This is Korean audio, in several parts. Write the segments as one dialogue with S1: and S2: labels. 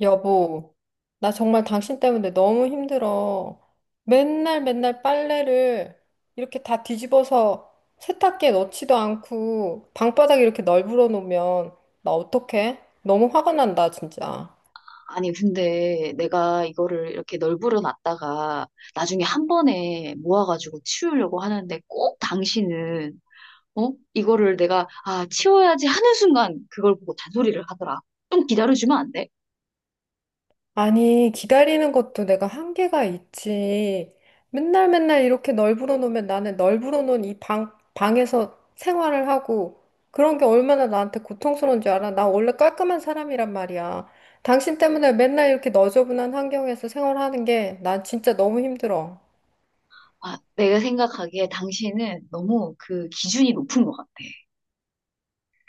S1: 여보, 나 정말 당신 때문에 너무 힘들어. 맨날 맨날 빨래를 이렇게 다 뒤집어서 세탁기에 넣지도 않고 방바닥에 이렇게 널브러 놓으면 나 어떡해? 너무 화가 난다, 진짜.
S2: 아니, 근데 내가 이거를 이렇게 널브러 놨다가 나중에 한 번에 모아가지고 치우려고 하는데 꼭 당신은, 어? 이거를 내가, 아, 치워야지 하는 순간 그걸 보고 잔소리를 하더라. 좀 기다려주면 안 돼?
S1: 아니, 기다리는 것도 내가 한계가 있지. 맨날 맨날 이렇게 널브러 놓으면 나는 널브러 놓은 이 방에서 생활을 하고 그런 게 얼마나 나한테 고통스러운 줄 알아? 나 원래 깔끔한 사람이란 말이야. 당신 때문에 맨날 이렇게 너저분한 환경에서 생활하는 게 난 진짜 너무 힘들어.
S2: 아, 내가 생각하기에 당신은 너무 그 기준이 높은 것 같아.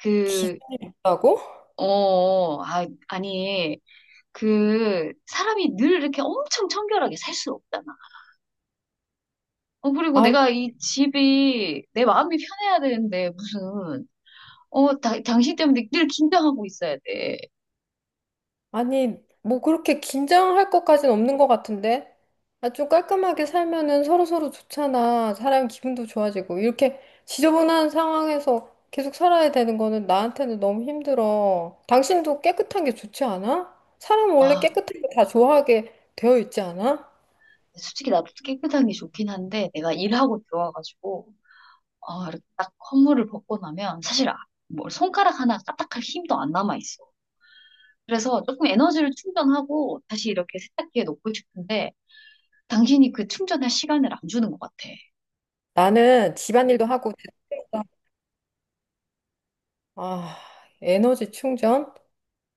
S2: 그,
S1: 기죽다고?
S2: 아니, 그 사람이 늘 이렇게 엄청 청결하게 살 수 없잖아. 어, 그리고 내가 이 집이 내 마음이 편해야 되는데 무슨 당신 때문에 늘 긴장하고 있어야 돼.
S1: 아니, 뭐 그렇게 긴장할 것까진 없는 것 같은데? 아, 좀 깔끔하게 살면은 서로서로 좋잖아. 사람 기분도 좋아지고. 이렇게 지저분한 상황에서 계속 살아야 되는 거는 나한테는 너무 힘들어. 당신도 깨끗한 게 좋지 않아? 사람은 원래
S2: 와,
S1: 깨끗한 거 다 좋아하게 되어 있지 않아?
S2: 솔직히 나도 깨끗한 게 좋긴 한데, 내가 일하고 들어와가지고, 어, 이렇게 딱 허물을 벗고 나면, 사실, 뭐, 손가락 하나 까딱할 힘도 안 남아있어. 그래서 조금 에너지를 충전하고, 다시 이렇게 세탁기에 놓고 싶은데, 당신이 그 충전할 시간을 안 주는 것 같아.
S1: 나는 집안일도 하고, 됐다. 아, 에너지 충전?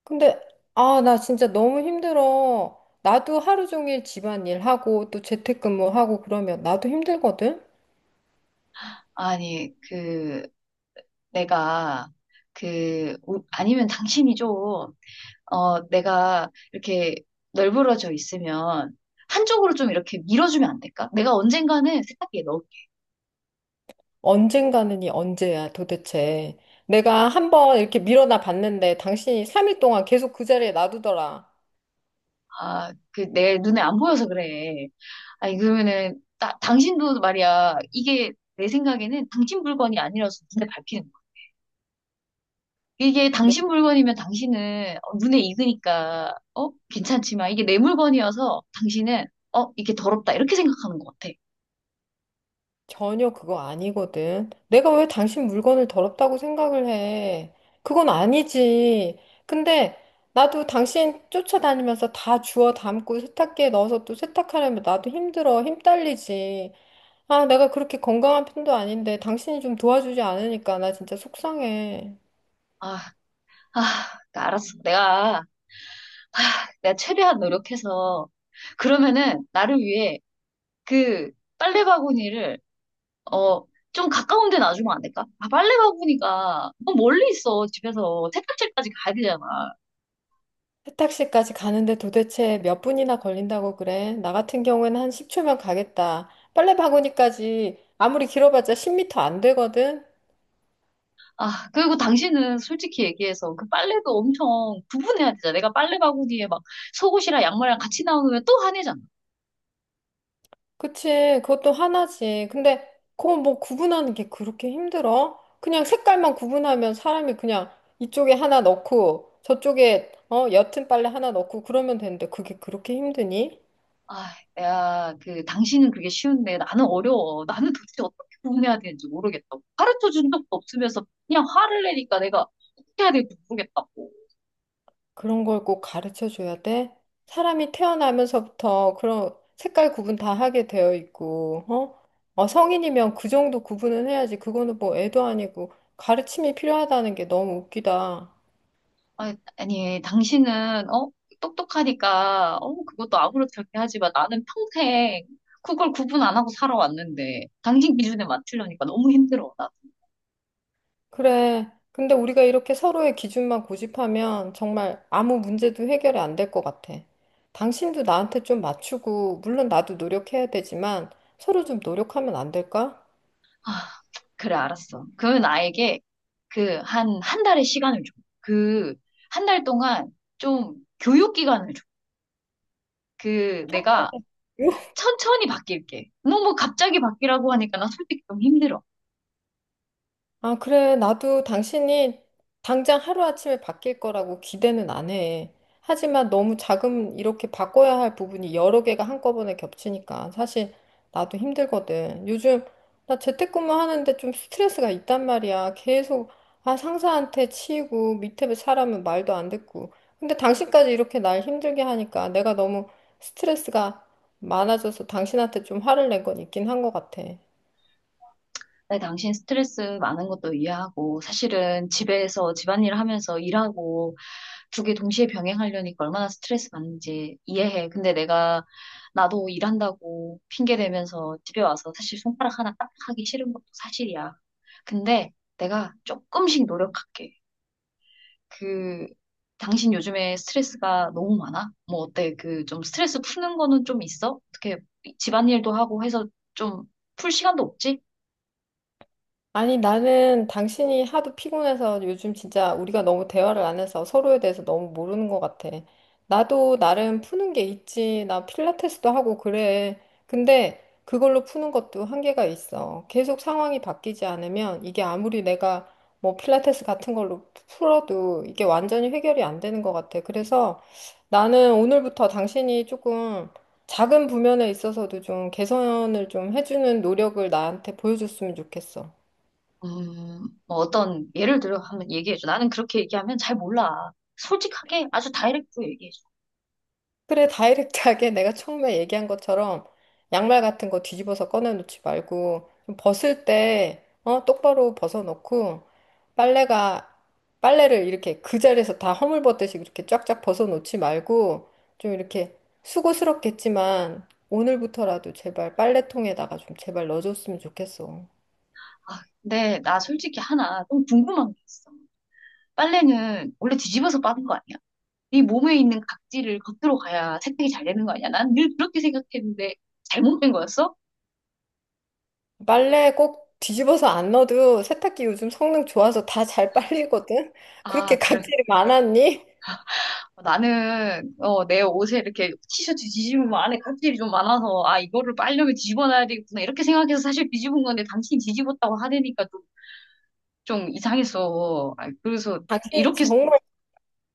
S1: 근데, 아, 나 진짜 너무 힘들어. 나도 하루 종일 집안일 하고 또 재택근무하고 그러면 나도 힘들거든?
S2: 아니, 그, 내가, 그, 우- 아니면 당신이 좀, 어, 내가 이렇게 널브러져 있으면 한쪽으로 좀 이렇게 밀어주면 안 될까? 내가 언젠가는 세탁기에 넣을게.
S1: 언젠가는 이 언제야 도대체. 내가 한번 이렇게 밀어나 봤는데 당신이 3일 동안 계속 그 자리에 놔두더라.
S2: 아, 그 내 눈에 안 보여서 그래. 아니, 그러면은, 나, 당신도 말이야. 이게 내 생각에는 당신 물건이 아니라서 눈에 밟히는 거야. 이게
S1: 근데
S2: 당신 물건이면 당신은 어, 눈에 익으니까, 어? 괜찮지만 이게 내 물건이어서 당신은, 어? 이게 더럽다. 이렇게 생각하는 것 같아.
S1: 전혀 그거 아니거든. 내가 왜 당신 물건을 더럽다고 생각을 해? 그건 아니지. 근데 나도 당신 쫓아다니면서 다 주워 담고 세탁기에 넣어서 또 세탁하려면 나도 힘들어. 힘 딸리지. 아, 내가 그렇게 건강한 편도 아닌데 당신이 좀 도와주지 않으니까 나 진짜 속상해.
S2: 아, 아, 알았어. 내가 최대한 노력해서 그러면은 나를 위해 그 빨래 바구니를 어 좀 가까운 데 놔주면 안 될까? 아, 빨래 바구니가 너무 멀리 있어. 집에서 세탁실까지 가야 되잖아.
S1: 세탁실까지 가는데 도대체 몇 분이나 걸린다고 그래? 나 같은 경우에는 한 10초면 가겠다. 빨래 바구니까지 아무리 길어봤자 10m 안 되거든?
S2: 아, 그리고 당신은 솔직히 얘기해서 그 빨래도 엄청 구분해야 되잖아. 내가 빨래 바구니에 막 속옷이랑 양말이랑 같이 나오면 또 화내잖아.
S1: 그치, 그것도 하나지. 근데 그거 뭐 구분하는 게 그렇게 힘들어? 그냥 색깔만 구분하면 사람이 그냥 이쪽에 하나 넣고 저쪽에 옅은 빨래 하나 넣고 그러면 되는데 그게 그렇게 힘드니?
S2: 아, 야, 그, 당신은 그게 쉬운데 나는 어려워. 나는 도대체 어떻게 구분해야 되는지 모르겠다고. 가르쳐 준 적도 없으면서 그냥 화를 내니까 내가 어떻게 해야 될지 모르겠다고.
S1: 그런 걸 꼭 가르쳐 줘야 돼? 사람이 태어나면서부터 그런 색깔 구분 다 하게 되어 있고, 어? 성인이면 그 정도 구분은 해야지. 그거는 뭐 애도 아니고 가르침이 필요하다는 게 너무 웃기다.
S2: 아니, 아니, 당신은, 어? 똑똑하니까, 어? 그것도 아무렇지 않게 하지 마. 나는 평생 그걸 구분 안 하고 살아왔는데, 당신 기준에 맞추려니까 너무 힘들어.
S1: 그래. 근데 우리가 이렇게 서로의 기준만 고집하면 정말 아무 문제도 해결이 안 될 것 같아. 당신도 나한테 좀 맞추고, 물론 나도 노력해야 되지만 서로 좀 노력하면 안 될까?
S2: 아, 그래, 알았어. 그러면 나에게 그, 한 달의 시간을 줘. 그, 1달 동안 좀 교육 기간을 줘. 그 내가 천천히 바뀔게. 너무 갑자기 바뀌라고 하니까 나 솔직히 좀 힘들어.
S1: 아, 그래. 나도 당신이 당장 하루아침에 바뀔 거라고 기대는 안 해. 하지만 너무 작은 이렇게 바꿔야 할 부분이 여러 개가 한꺼번에 겹치니까 사실 나도 힘들거든. 요즘 나 재택근무 하는데 좀 스트레스가 있단 말이야. 계속 상사한테 치이고 밑에 사람은 말도 안 듣고. 근데 당신까지 이렇게 날 힘들게 하니까 내가 너무 스트레스가 많아져서 당신한테 좀 화를 낸 건 있긴 한 것 같아.
S2: 나 당신 스트레스 많은 것도 이해하고, 사실은 집에서 집안일 하면서 일하고 2개 동시에 병행하려니까 얼마나 스트레스 받는지 이해해. 근데 내가 나도 일한다고 핑계 대면서 집에 와서 사실 손가락 하나 딱 하기 싫은 것도 사실이야. 근데 내가 조금씩 노력할게. 그, 당신 요즘에 스트레스가 너무 많아? 뭐 어때? 그 좀 스트레스 푸는 거는 좀 있어? 어떻게 집안일도 하고 해서 좀 풀 시간도 없지?
S1: 아니, 나는 당신이 하도 피곤해서 요즘 진짜 우리가 너무 대화를 안 해서 서로에 대해서 너무 모르는 것 같아. 나도 나름 푸는 게 있지. 나 필라테스도 하고 그래. 근데 그걸로 푸는 것도 한계가 있어. 계속 상황이 바뀌지 않으면 이게 아무리 내가 뭐 필라테스 같은 걸로 풀어도 이게 완전히 해결이 안 되는 것 같아. 그래서 나는 오늘부터 당신이 조금 작은 부면에 있어서도 좀 개선을 좀 해주는 노력을 나한테 보여줬으면 좋겠어.
S2: 뭐 어떤 예를 들어 한번 얘기해줘. 나는 그렇게 얘기하면 잘 몰라. 솔직하게 아주 다이렉트로 얘기해줘.
S1: 그래, 다이렉트하게 내가 처음에 얘기한 것처럼 양말 같은 거 뒤집어서 꺼내놓지 말고 좀 벗을 때 똑바로 벗어놓고 빨래가 빨래를 이렇게 그 자리에서 다 허물벗듯이 이렇게 쫙쫙 벗어놓지 말고 좀 이렇게 수고스럽겠지만 오늘부터라도 제발 빨래통에다가 좀 제발 넣어줬으면 좋겠어.
S2: 아, 근데 나 솔직히 하나 좀 궁금한 게 있어. 빨래는 원래 뒤집어서 빠는 거 아니야? 이 몸에 있는 각질을 겉으로 가야 세탁이 잘 되는 거 아니야? 난 늘 그렇게 생각했는데 잘못된 거였어?
S1: 빨래 꼭 뒤집어서 안 넣어도 세탁기 요즘 성능 좋아서 다 잘 빨리거든?
S2: 아,
S1: 그렇게
S2: 그래.
S1: 각질이 많았니?
S2: 나는 어, 내 옷에 이렇게 티셔츠 뒤집으면 안에 각질이 좀 많아서, 아, 이거를 빨려면 뒤집어놔야 되겠구나 이렇게 생각해서 사실 뒤집은 건데, 당신이 뒤집었다고 하니까 좀 이상했어. 아, 그래서
S1: 각질이
S2: 이렇게
S1: 정말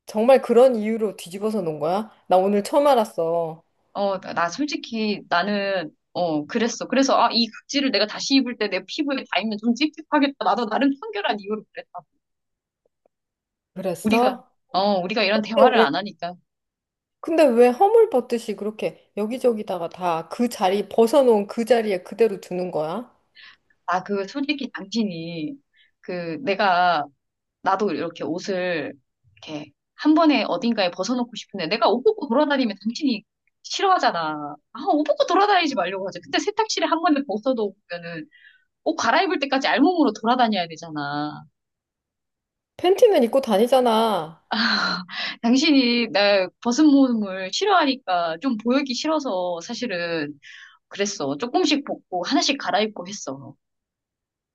S1: 정말 그런 이유로 뒤집어서 놓은 거야? 나 오늘 처음 알았어.
S2: 나 솔직히 나는 어, 그랬어. 그래서 아, 이 각질을 내가 다시 입을 때 내 피부에 닿으면 좀 찝찝하겠다. 나도 나름 청결한 이유로 그랬다. 우리가
S1: 그랬어?
S2: 우리가 이런
S1: 근데
S2: 대화를
S1: 왜,
S2: 안 하니까
S1: 근데 왜 허물 벗듯이 그렇게 여기저기다가 다 그 자리, 벗어놓은 그 자리에 그대로 두는 거야?
S2: 아, 그 솔직히 당신이 그 내가 나도 이렇게 옷을 이렇게 한 번에 어딘가에 벗어놓고 싶은데, 내가 옷 벗고 돌아다니면 당신이 싫어하잖아. 아, 옷 벗고 돌아다니지 말려고 하지. 근데 세탁실에 한 번에 벗어놓으면은 옷 갈아입을 때까지 알몸으로 돌아다녀야 되잖아.
S1: 팬티는 입고 다니잖아.
S2: 당신이 나 벗은 몸을 싫어하니까 좀 보이기 싫어서 사실은 그랬어. 조금씩 벗고 하나씩 갈아입고 했어.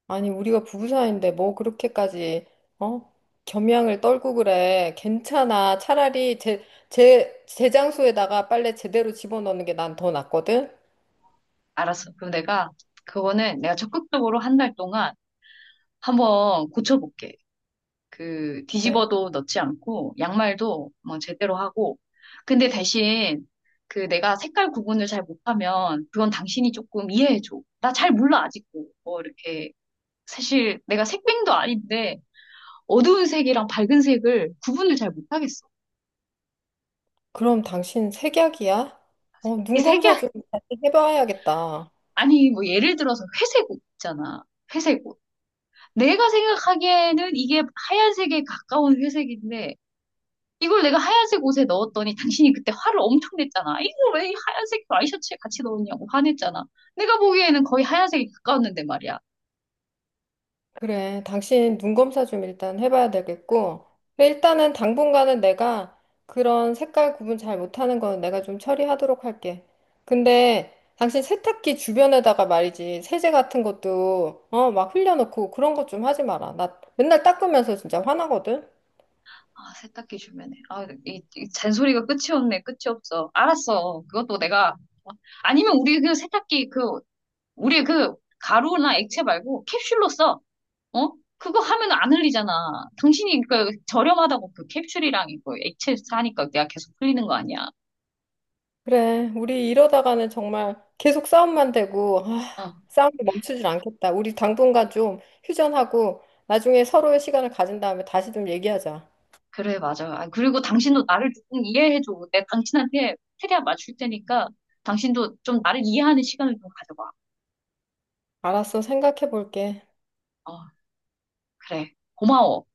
S1: 아니, 우리가 부부 사이인데 뭐 그렇게까지, 어? 겸양을 떨고 그래. 괜찮아. 차라리 제 장소에다가 빨래 제대로 집어넣는 게 난 더 낫거든?
S2: 알았어. 그럼 내가 그거는 내가 적극적으로 1달 동안 한번 고쳐볼게. 그
S1: 네.
S2: 뒤집어도 넣지 않고 양말도 뭐 제대로 하고. 근데 대신 그 내가 색깔 구분을 잘 못하면 그건 당신이 조금 이해해줘. 나 잘 몰라 아직도. 뭐 이렇게 사실 내가 색뱅도 아닌데 어두운 색이랑 밝은 색을 구분을 잘 못하겠어.
S1: 그럼 당신 색약이야?
S2: 이
S1: 눈
S2: 색이
S1: 검사 좀 다시 해봐야겠다.
S2: 아니 뭐 예를 들어서 회색 옷 있잖아. 회색 옷. 내가 생각하기에는 이게 하얀색에 가까운 회색인데, 이걸 내가 하얀색 옷에 넣었더니 당신이 그때 화를 엄청 냈잖아. 이걸 왜 하얀색 와이셔츠에 같이 넣었냐고 화냈잖아. 내가 보기에는 거의 하얀색이 가까웠는데 말이야.
S1: 그래, 당신 눈 검사 좀 일단 해봐야 되겠고. 그래, 일단은 당분간은 내가 그런 색깔 구분 잘 못하는 건 내가 좀 처리하도록 할게. 근데 당신 세탁기 주변에다가 말이지, 세제 같은 것도, 막 흘려놓고 그런 것 좀 하지 마라. 나 맨날 닦으면서 진짜 화나거든?
S2: 아, 세탁기 주면은. 아, 이, 이 잔소리가 끝이 없네. 끝이 없어. 알았어. 그것도 내가. 아니면 우리 그 세탁기 그, 우리 그 가루나 액체 말고 캡슐로 써. 어? 그거 하면 안 흘리잖아. 당신이 그 저렴하다고 그 캡슐이랑 이거 액체 사니까 내가 계속 흘리는 거 아니야.
S1: 그래, 우리 이러다가는 정말 계속 싸움만 되고, 아,
S2: 어.
S1: 싸움이 멈추질 않겠다. 우리 당분간 좀 휴전하고, 나중에 서로의 시간을 가진 다음에 다시 좀 얘기하자.
S2: 그래, 맞아. 아, 그리고 당신도 나를 조금 이해해줘. 내가 당신한테 최대한 맞출 테니까 당신도 좀 나를 이해하는 시간을 좀 가져봐.
S1: 알았어, 생각해 볼게.
S2: 어, 그래. 고마워.